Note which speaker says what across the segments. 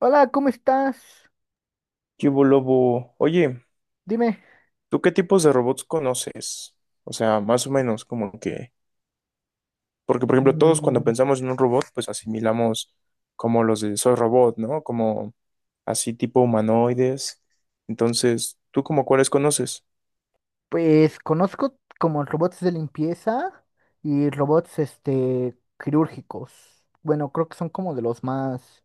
Speaker 1: Hola, ¿cómo estás?
Speaker 2: ¿Qué hubo, Lobo? Oye,
Speaker 1: Dime.
Speaker 2: ¿tú qué tipos de robots conoces? O sea, más o menos como que... Porque, por ejemplo, todos cuando
Speaker 1: Mm.
Speaker 2: pensamos en un robot, pues asimilamos como los de Soy Robot, ¿no? Como así tipo humanoides. Entonces, ¿tú como cuáles conoces?
Speaker 1: Pues conozco como robots de limpieza y robots quirúrgicos. Bueno, creo que son como de los más,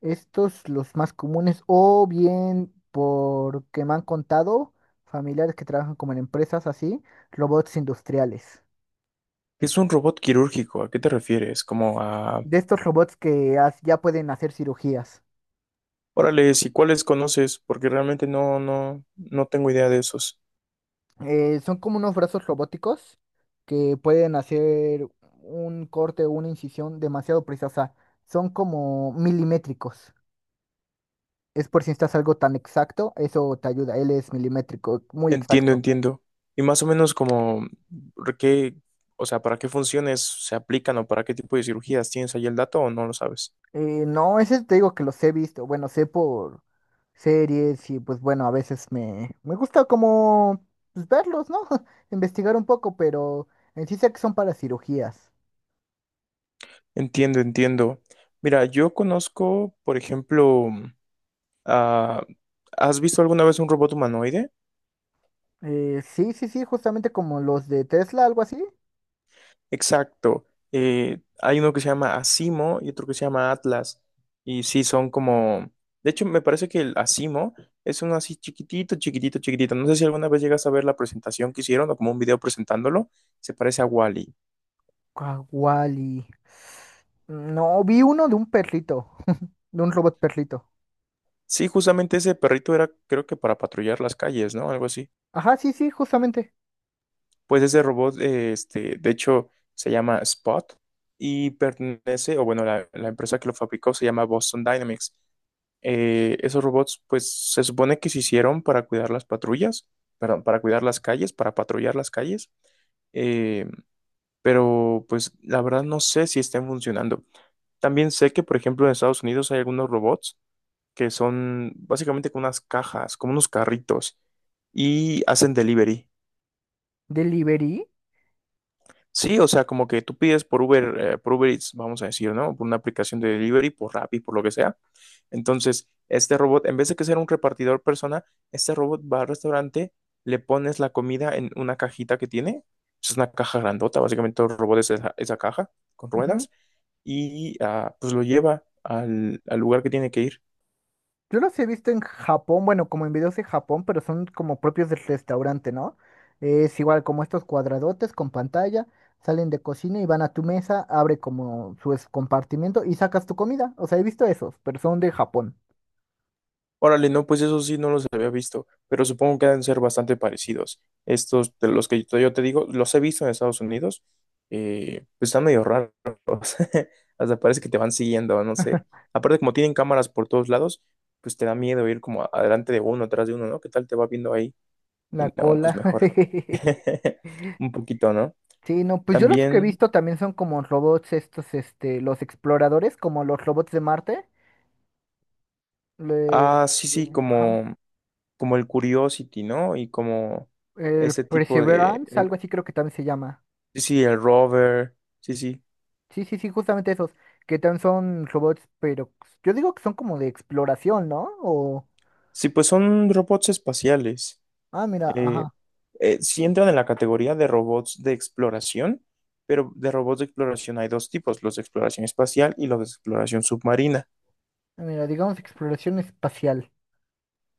Speaker 1: estos los más comunes o bien porque me han contado familiares que trabajan como en empresas así, robots industriales.
Speaker 2: ¿Qué es un robot quirúrgico? ¿A qué te refieres? Como a...
Speaker 1: De estos robots que ya pueden hacer cirugías.
Speaker 2: Órale, ¿y cuáles conoces? Porque realmente no tengo idea de esos.
Speaker 1: Son como unos brazos robóticos que pueden hacer un corte o una incisión demasiado precisa. Son como milimétricos. Es por si necesitas algo tan exacto, eso te ayuda. Él es milimétrico, muy
Speaker 2: Entiendo,
Speaker 1: exacto.
Speaker 2: entiendo. Y más o menos como, ¿por qué, o sea, ¿para qué funciones se aplican o para qué tipo de cirugías tienes ahí el dato o no lo sabes?
Speaker 1: No, ese te digo que los he visto. Bueno, sé por series y pues bueno, a veces me gusta como pues, verlos, ¿no? Investigar un poco, pero en sí sé que son para cirugías.
Speaker 2: Entiendo, entiendo. Mira, yo conozco, por ejemplo, ah, ¿has visto alguna vez un robot humanoide?
Speaker 1: Sí, sí, sí, justamente como los de Tesla, algo así.
Speaker 2: Exacto. Hay uno que se llama Asimo y otro que se llama Atlas. Y sí, son como... De hecho, me parece que el Asimo es uno así chiquitito, chiquitito, chiquitito. No sé si alguna vez llegas a ver la presentación que hicieron o como un video presentándolo. Se parece a Wally.
Speaker 1: Kawali. No, vi uno de un perrito, de un robot perrito.
Speaker 2: Sí, justamente ese perrito era, creo que para patrullar las calles, ¿no? Algo así.
Speaker 1: Ajá, sí, sí, justamente.
Speaker 2: Pues ese robot, de hecho, se llama Spot y pertenece, o bueno, la empresa que lo fabricó se llama Boston Dynamics. Esos robots, pues se supone que se hicieron para cuidar las patrullas, perdón, para cuidar las calles, para patrullar las calles, eh, pero pues la verdad no sé si estén funcionando. También sé que, por ejemplo, en Estados Unidos hay algunos robots que son básicamente como unas cajas, como unos carritos y hacen delivery.
Speaker 1: Delivery.
Speaker 2: Sí, o sea, como que tú pides por Uber Eats, vamos a decir, ¿no? Por una aplicación de delivery, por Rappi, por lo que sea. Entonces, este robot, en vez de que sea un repartidor persona, este robot va al restaurante, le pones la comida en una cajita que tiene. Es una caja grandota, básicamente todo el robot es esa caja con
Speaker 1: Ujú.
Speaker 2: ruedas y ah, pues lo lleva al lugar que tiene que ir.
Speaker 1: Yo los he visto en Japón, bueno, como en videos de Japón, pero son como propios del restaurante, ¿no? Es igual como estos cuadradotes con pantalla, salen de cocina y van a tu mesa, abre como su compartimiento y sacas tu comida. O sea, he visto esos, pero son de Japón.
Speaker 2: Órale, no, pues eso sí no los había visto, pero supongo que deben ser bastante parecidos. Estos de los que yo te digo, los he visto en Estados Unidos, pues están medio raros. Hasta parece que te van siguiendo, no sé. Aparte, como tienen cámaras por todos lados, pues te da miedo ir como adelante de uno, atrás de uno, ¿no? ¿Qué tal te va viendo ahí? Y
Speaker 1: La
Speaker 2: no, pues
Speaker 1: cola.
Speaker 2: mejor. Un poquito, ¿no?
Speaker 1: Sí, no, pues yo los que he
Speaker 2: También,
Speaker 1: visto también son como robots estos, los exploradores, como los robots de Marte. Le,
Speaker 2: ah, sí, sí,
Speaker 1: ajá.
Speaker 2: como, como el Curiosity, ¿no? Y como
Speaker 1: El
Speaker 2: ese tipo de,
Speaker 1: Perseverance, algo así creo que también se llama.
Speaker 2: sí, sí, el rover, sí, sí.
Speaker 1: Sí, sí, sí, justamente esos, que también son robots, pero yo digo que son como de exploración, ¿no? O,
Speaker 2: Sí, pues son robots espaciales.
Speaker 1: ah, mira,
Speaker 2: Eh,
Speaker 1: ajá,
Speaker 2: sí entran en la categoría de robots de exploración, pero de robots de exploración hay dos tipos, los de exploración espacial y los de exploración submarina.
Speaker 1: mira, digamos exploración espacial.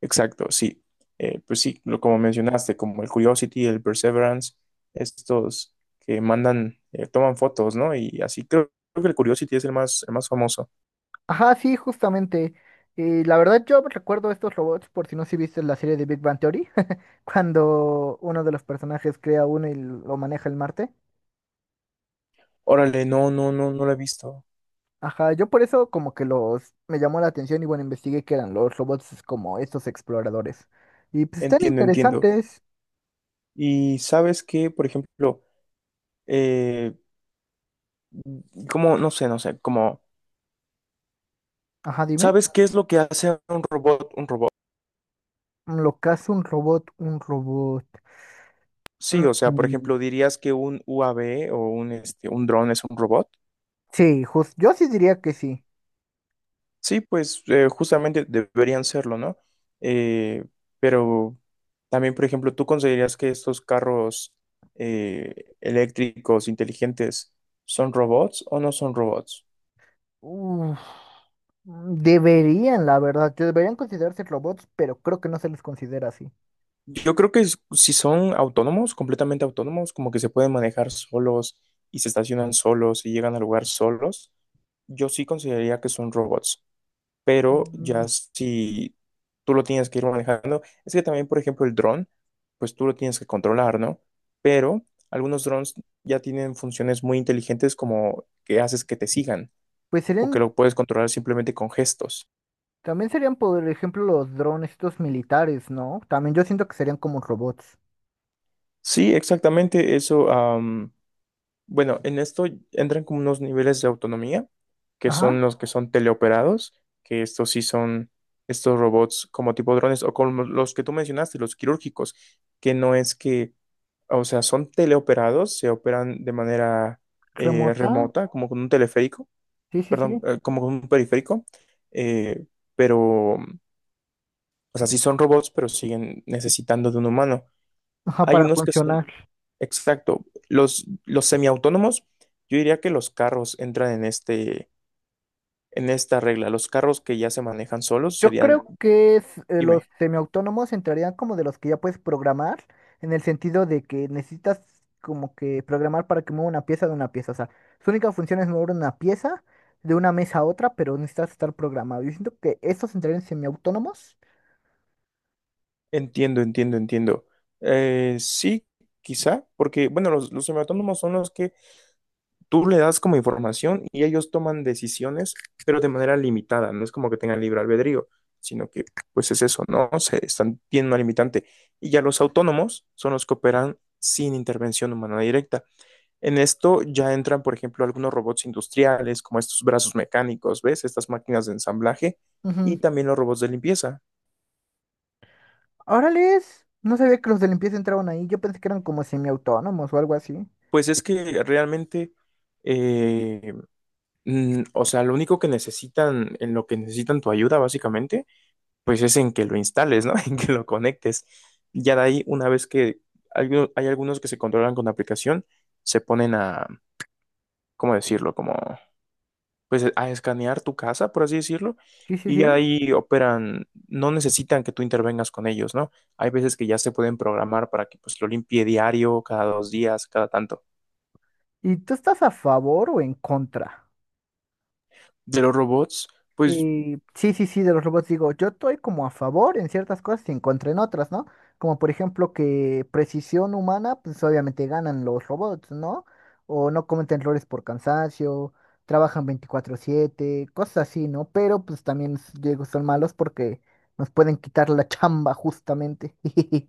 Speaker 2: Exacto, sí. Pues sí, lo, como mencionaste, como el Curiosity, el Perseverance, estos que mandan, toman fotos, ¿no? Y así creo, creo que el Curiosity es el más famoso.
Speaker 1: Ajá, sí, justamente. Y la verdad yo recuerdo estos robots, por si no si viste la serie de Big Bang Theory, cuando uno de los personajes crea uno y lo maneja el Marte.
Speaker 2: Órale, no, no, no, no lo he visto.
Speaker 1: Ajá, yo por eso como que los me llamó la atención y bueno, investigué que eran los robots como estos exploradores. Y pues están
Speaker 2: Entiendo, entiendo.
Speaker 1: interesantes.
Speaker 2: Y sabes que, por ejemplo, eh, como, no sé, no sé, como,
Speaker 1: Ajá, dime.
Speaker 2: ¿sabes qué es lo que hace un robot?
Speaker 1: Mm. Lo que hace un robot, un robot.
Speaker 2: Sí, o sea, por
Speaker 1: Mm.
Speaker 2: ejemplo, dirías que un UAV o un, este, un dron es un robot.
Speaker 1: Sí, yo sí diría que sí.
Speaker 2: Sí, pues justamente deberían serlo, ¿no? Eh, pero también, por ejemplo, ¿tú considerarías que estos carros eléctricos inteligentes son robots o no son robots?
Speaker 1: Uf, mm, deberían, la verdad, que deberían considerarse robots, pero creo que no se les considera así.
Speaker 2: Yo creo que es- si son autónomos, completamente autónomos, como que se pueden manejar solos y se estacionan solos y llegan al lugar solos, yo sí consideraría que son robots. Pero
Speaker 1: Mm.
Speaker 2: ya si tú lo tienes que ir manejando, es que también, por ejemplo, el dron, pues tú lo tienes que controlar, ¿no? Pero algunos drones ya tienen funciones muy inteligentes como que haces que te sigan
Speaker 1: Pues
Speaker 2: o que
Speaker 1: serían,
Speaker 2: lo puedes controlar simplemente con gestos.
Speaker 1: también serían, por ejemplo, los drones, estos militares, ¿no? También yo siento que serían como robots.
Speaker 2: Sí, exactamente, eso. Bueno, en esto entran como unos niveles de autonomía, que
Speaker 1: Ajá,
Speaker 2: son los que son teleoperados, que estos sí son estos robots como tipo drones o como los que tú mencionaste, los quirúrgicos, que no es que, o sea, son teleoperados, se operan de manera
Speaker 1: remota.
Speaker 2: remota, como con un teleférico,
Speaker 1: Sí, sí, sí.
Speaker 2: perdón, como con un periférico, eh, pero, o sea, sí son robots, pero siguen necesitando de un humano.
Speaker 1: Ajá,
Speaker 2: Hay
Speaker 1: para
Speaker 2: unos que son
Speaker 1: funcionar.
Speaker 2: exacto. Los semiautónomos, yo diría que los carros entran en este, en esta regla. Los carros que ya se manejan solos
Speaker 1: Yo
Speaker 2: serían,
Speaker 1: creo que es, los
Speaker 2: dime,
Speaker 1: semiautónomos entrarían como de los que ya puedes programar, en el sentido de que necesitas como que programar para que mueva una pieza de una pieza. O sea, su única función es mover una pieza de una mesa a otra, pero necesitas estar programado. Yo siento que estos entrarían en semiautónomos.
Speaker 2: entiendo, entiendo, entiendo. Sí, quizá, porque, bueno, los semiautónomos son los que tú le das como información y ellos toman decisiones, pero de manera limitada. No es como que tengan libre albedrío, sino que, pues es eso, ¿no? Se están, tienen una limitante. Y ya los autónomos son los que operan sin intervención humana directa. En esto ya entran, por ejemplo, algunos robots industriales, como estos brazos mecánicos, ¿ves? Estas máquinas de ensamblaje
Speaker 1: Ujú.
Speaker 2: y también los robots de limpieza.
Speaker 1: Órales, no sabía que los de limpieza entraban ahí. Yo pensé que eran como semiautónomos o algo así.
Speaker 2: Pues es que realmente, eh, o sea, lo único que necesitan, en lo que necesitan tu ayuda, básicamente, pues es en que lo instales, ¿no? En que lo conectes. Ya de ahí, una vez que hay, hay algunos que se controlan con la aplicación, se ponen a, ¿cómo decirlo? Como pues a escanear tu casa, por así decirlo,
Speaker 1: Sí, sí,
Speaker 2: y
Speaker 1: sí.
Speaker 2: ya ahí operan, no necesitan que tú intervengas con ellos, ¿no? Hay veces que ya se pueden programar para que pues lo limpie diario, cada dos días, cada tanto.
Speaker 1: ¿Y tú estás a favor o en contra?
Speaker 2: De los robots, pues,
Speaker 1: Sí, sí, sí, de los robots digo, yo estoy como a favor en ciertas cosas y en contra en otras, ¿no? Como por ejemplo que precisión humana, pues obviamente ganan los robots, ¿no? O no cometen errores por cansancio, trabajan 24/7 cosas así, ¿no? Pero pues también digo, son malos porque nos pueden quitar la chamba justamente.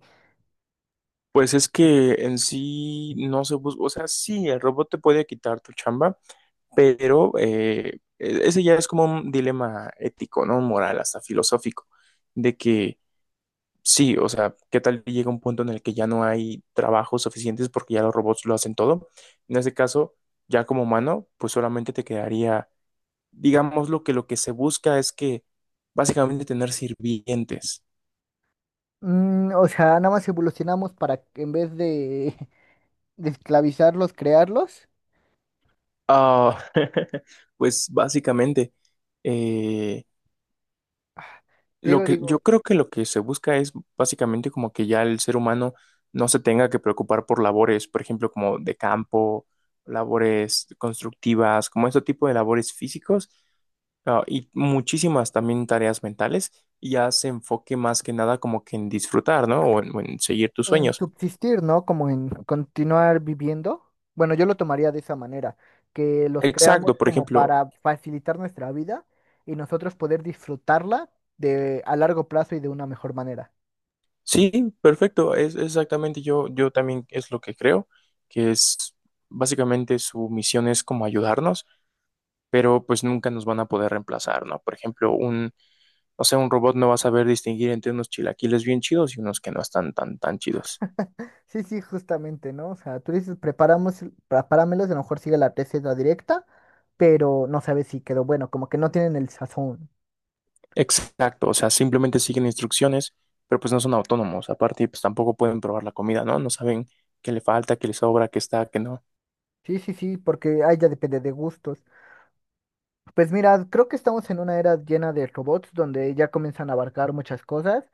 Speaker 2: pues es que en sí no se busca, o sea, sí, el robot te puede quitar tu chamba, pero ese ya es como un dilema ético, ¿no? Moral, hasta filosófico, de que sí, o sea, ¿qué tal que llega un punto en el que ya no hay trabajos suficientes porque ya los robots lo hacen todo? En ese caso, ya como humano, pues solamente te quedaría, digamos, lo que se busca es que básicamente tener sirvientes.
Speaker 1: Mm, o sea, nada más evolucionamos para que en vez de, de esclavizarlos, crearlos.
Speaker 2: Ah, pues básicamente, eh,
Speaker 1: Ah.
Speaker 2: lo
Speaker 1: Digo,
Speaker 2: que yo
Speaker 1: digo.
Speaker 2: creo que lo que se busca es básicamente como que ya el ser humano no se tenga que preocupar por labores, por ejemplo, como de campo, labores constructivas, como este tipo de labores físicos. Ah, y muchísimas también tareas mentales y ya se enfoque más que nada como que en disfrutar, ¿no? O en seguir tus
Speaker 1: En
Speaker 2: sueños.
Speaker 1: subsistir, ¿no? Como en continuar viviendo. Bueno, yo lo tomaría de esa manera, que los creamos
Speaker 2: Exacto, por
Speaker 1: como
Speaker 2: ejemplo,
Speaker 1: para facilitar nuestra vida y nosotros poder disfrutarla de a largo plazo y de una mejor manera.
Speaker 2: sí, perfecto, es exactamente yo, yo también es lo que creo, que es básicamente su misión es como ayudarnos, pero pues nunca nos van a poder reemplazar, ¿no? Por ejemplo, un, o sea, un robot no va a saber distinguir entre unos chilaquiles bien chidos y unos que no están tan, tan chidos.
Speaker 1: Sí, sí, justamente, ¿no? O sea, tú dices, preparamos, prepáramelos, y a lo mejor sigue la receta directa, pero no sabes si quedó bueno, como que no tienen el sazón.
Speaker 2: Exacto, o sea, simplemente siguen instrucciones, pero pues no son autónomos. Aparte, pues tampoco pueden probar la comida, ¿no? No saben qué le falta, qué le sobra, qué está, qué no.
Speaker 1: Sí, sí, sí, porque ahí ya depende de gustos. Pues mira, creo que estamos en una era llena de robots donde ya comienzan a abarcar muchas cosas.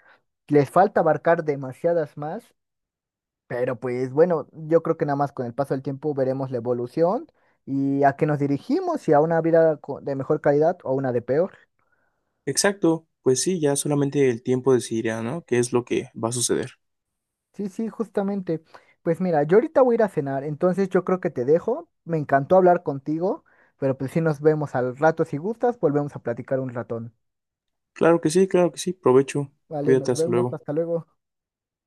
Speaker 1: Les falta abarcar demasiadas más, pero pues bueno, yo creo que nada más con el paso del tiempo veremos la evolución y a qué nos dirigimos, si a una vida de mejor calidad o a una de peor.
Speaker 2: Exacto, pues sí, ya solamente el tiempo decidirá, ¿no? ¿Qué es lo que va a suceder?
Speaker 1: Sí, sí, justamente. Pues mira, yo ahorita voy a ir a cenar, entonces yo creo que te dejo. Me encantó hablar contigo, pero pues sí nos vemos al rato. Si gustas, volvemos a platicar un ratón.
Speaker 2: Claro que sí, provecho,
Speaker 1: Vale,
Speaker 2: cuídate,
Speaker 1: nos
Speaker 2: hasta
Speaker 1: vemos,
Speaker 2: luego.
Speaker 1: hasta luego.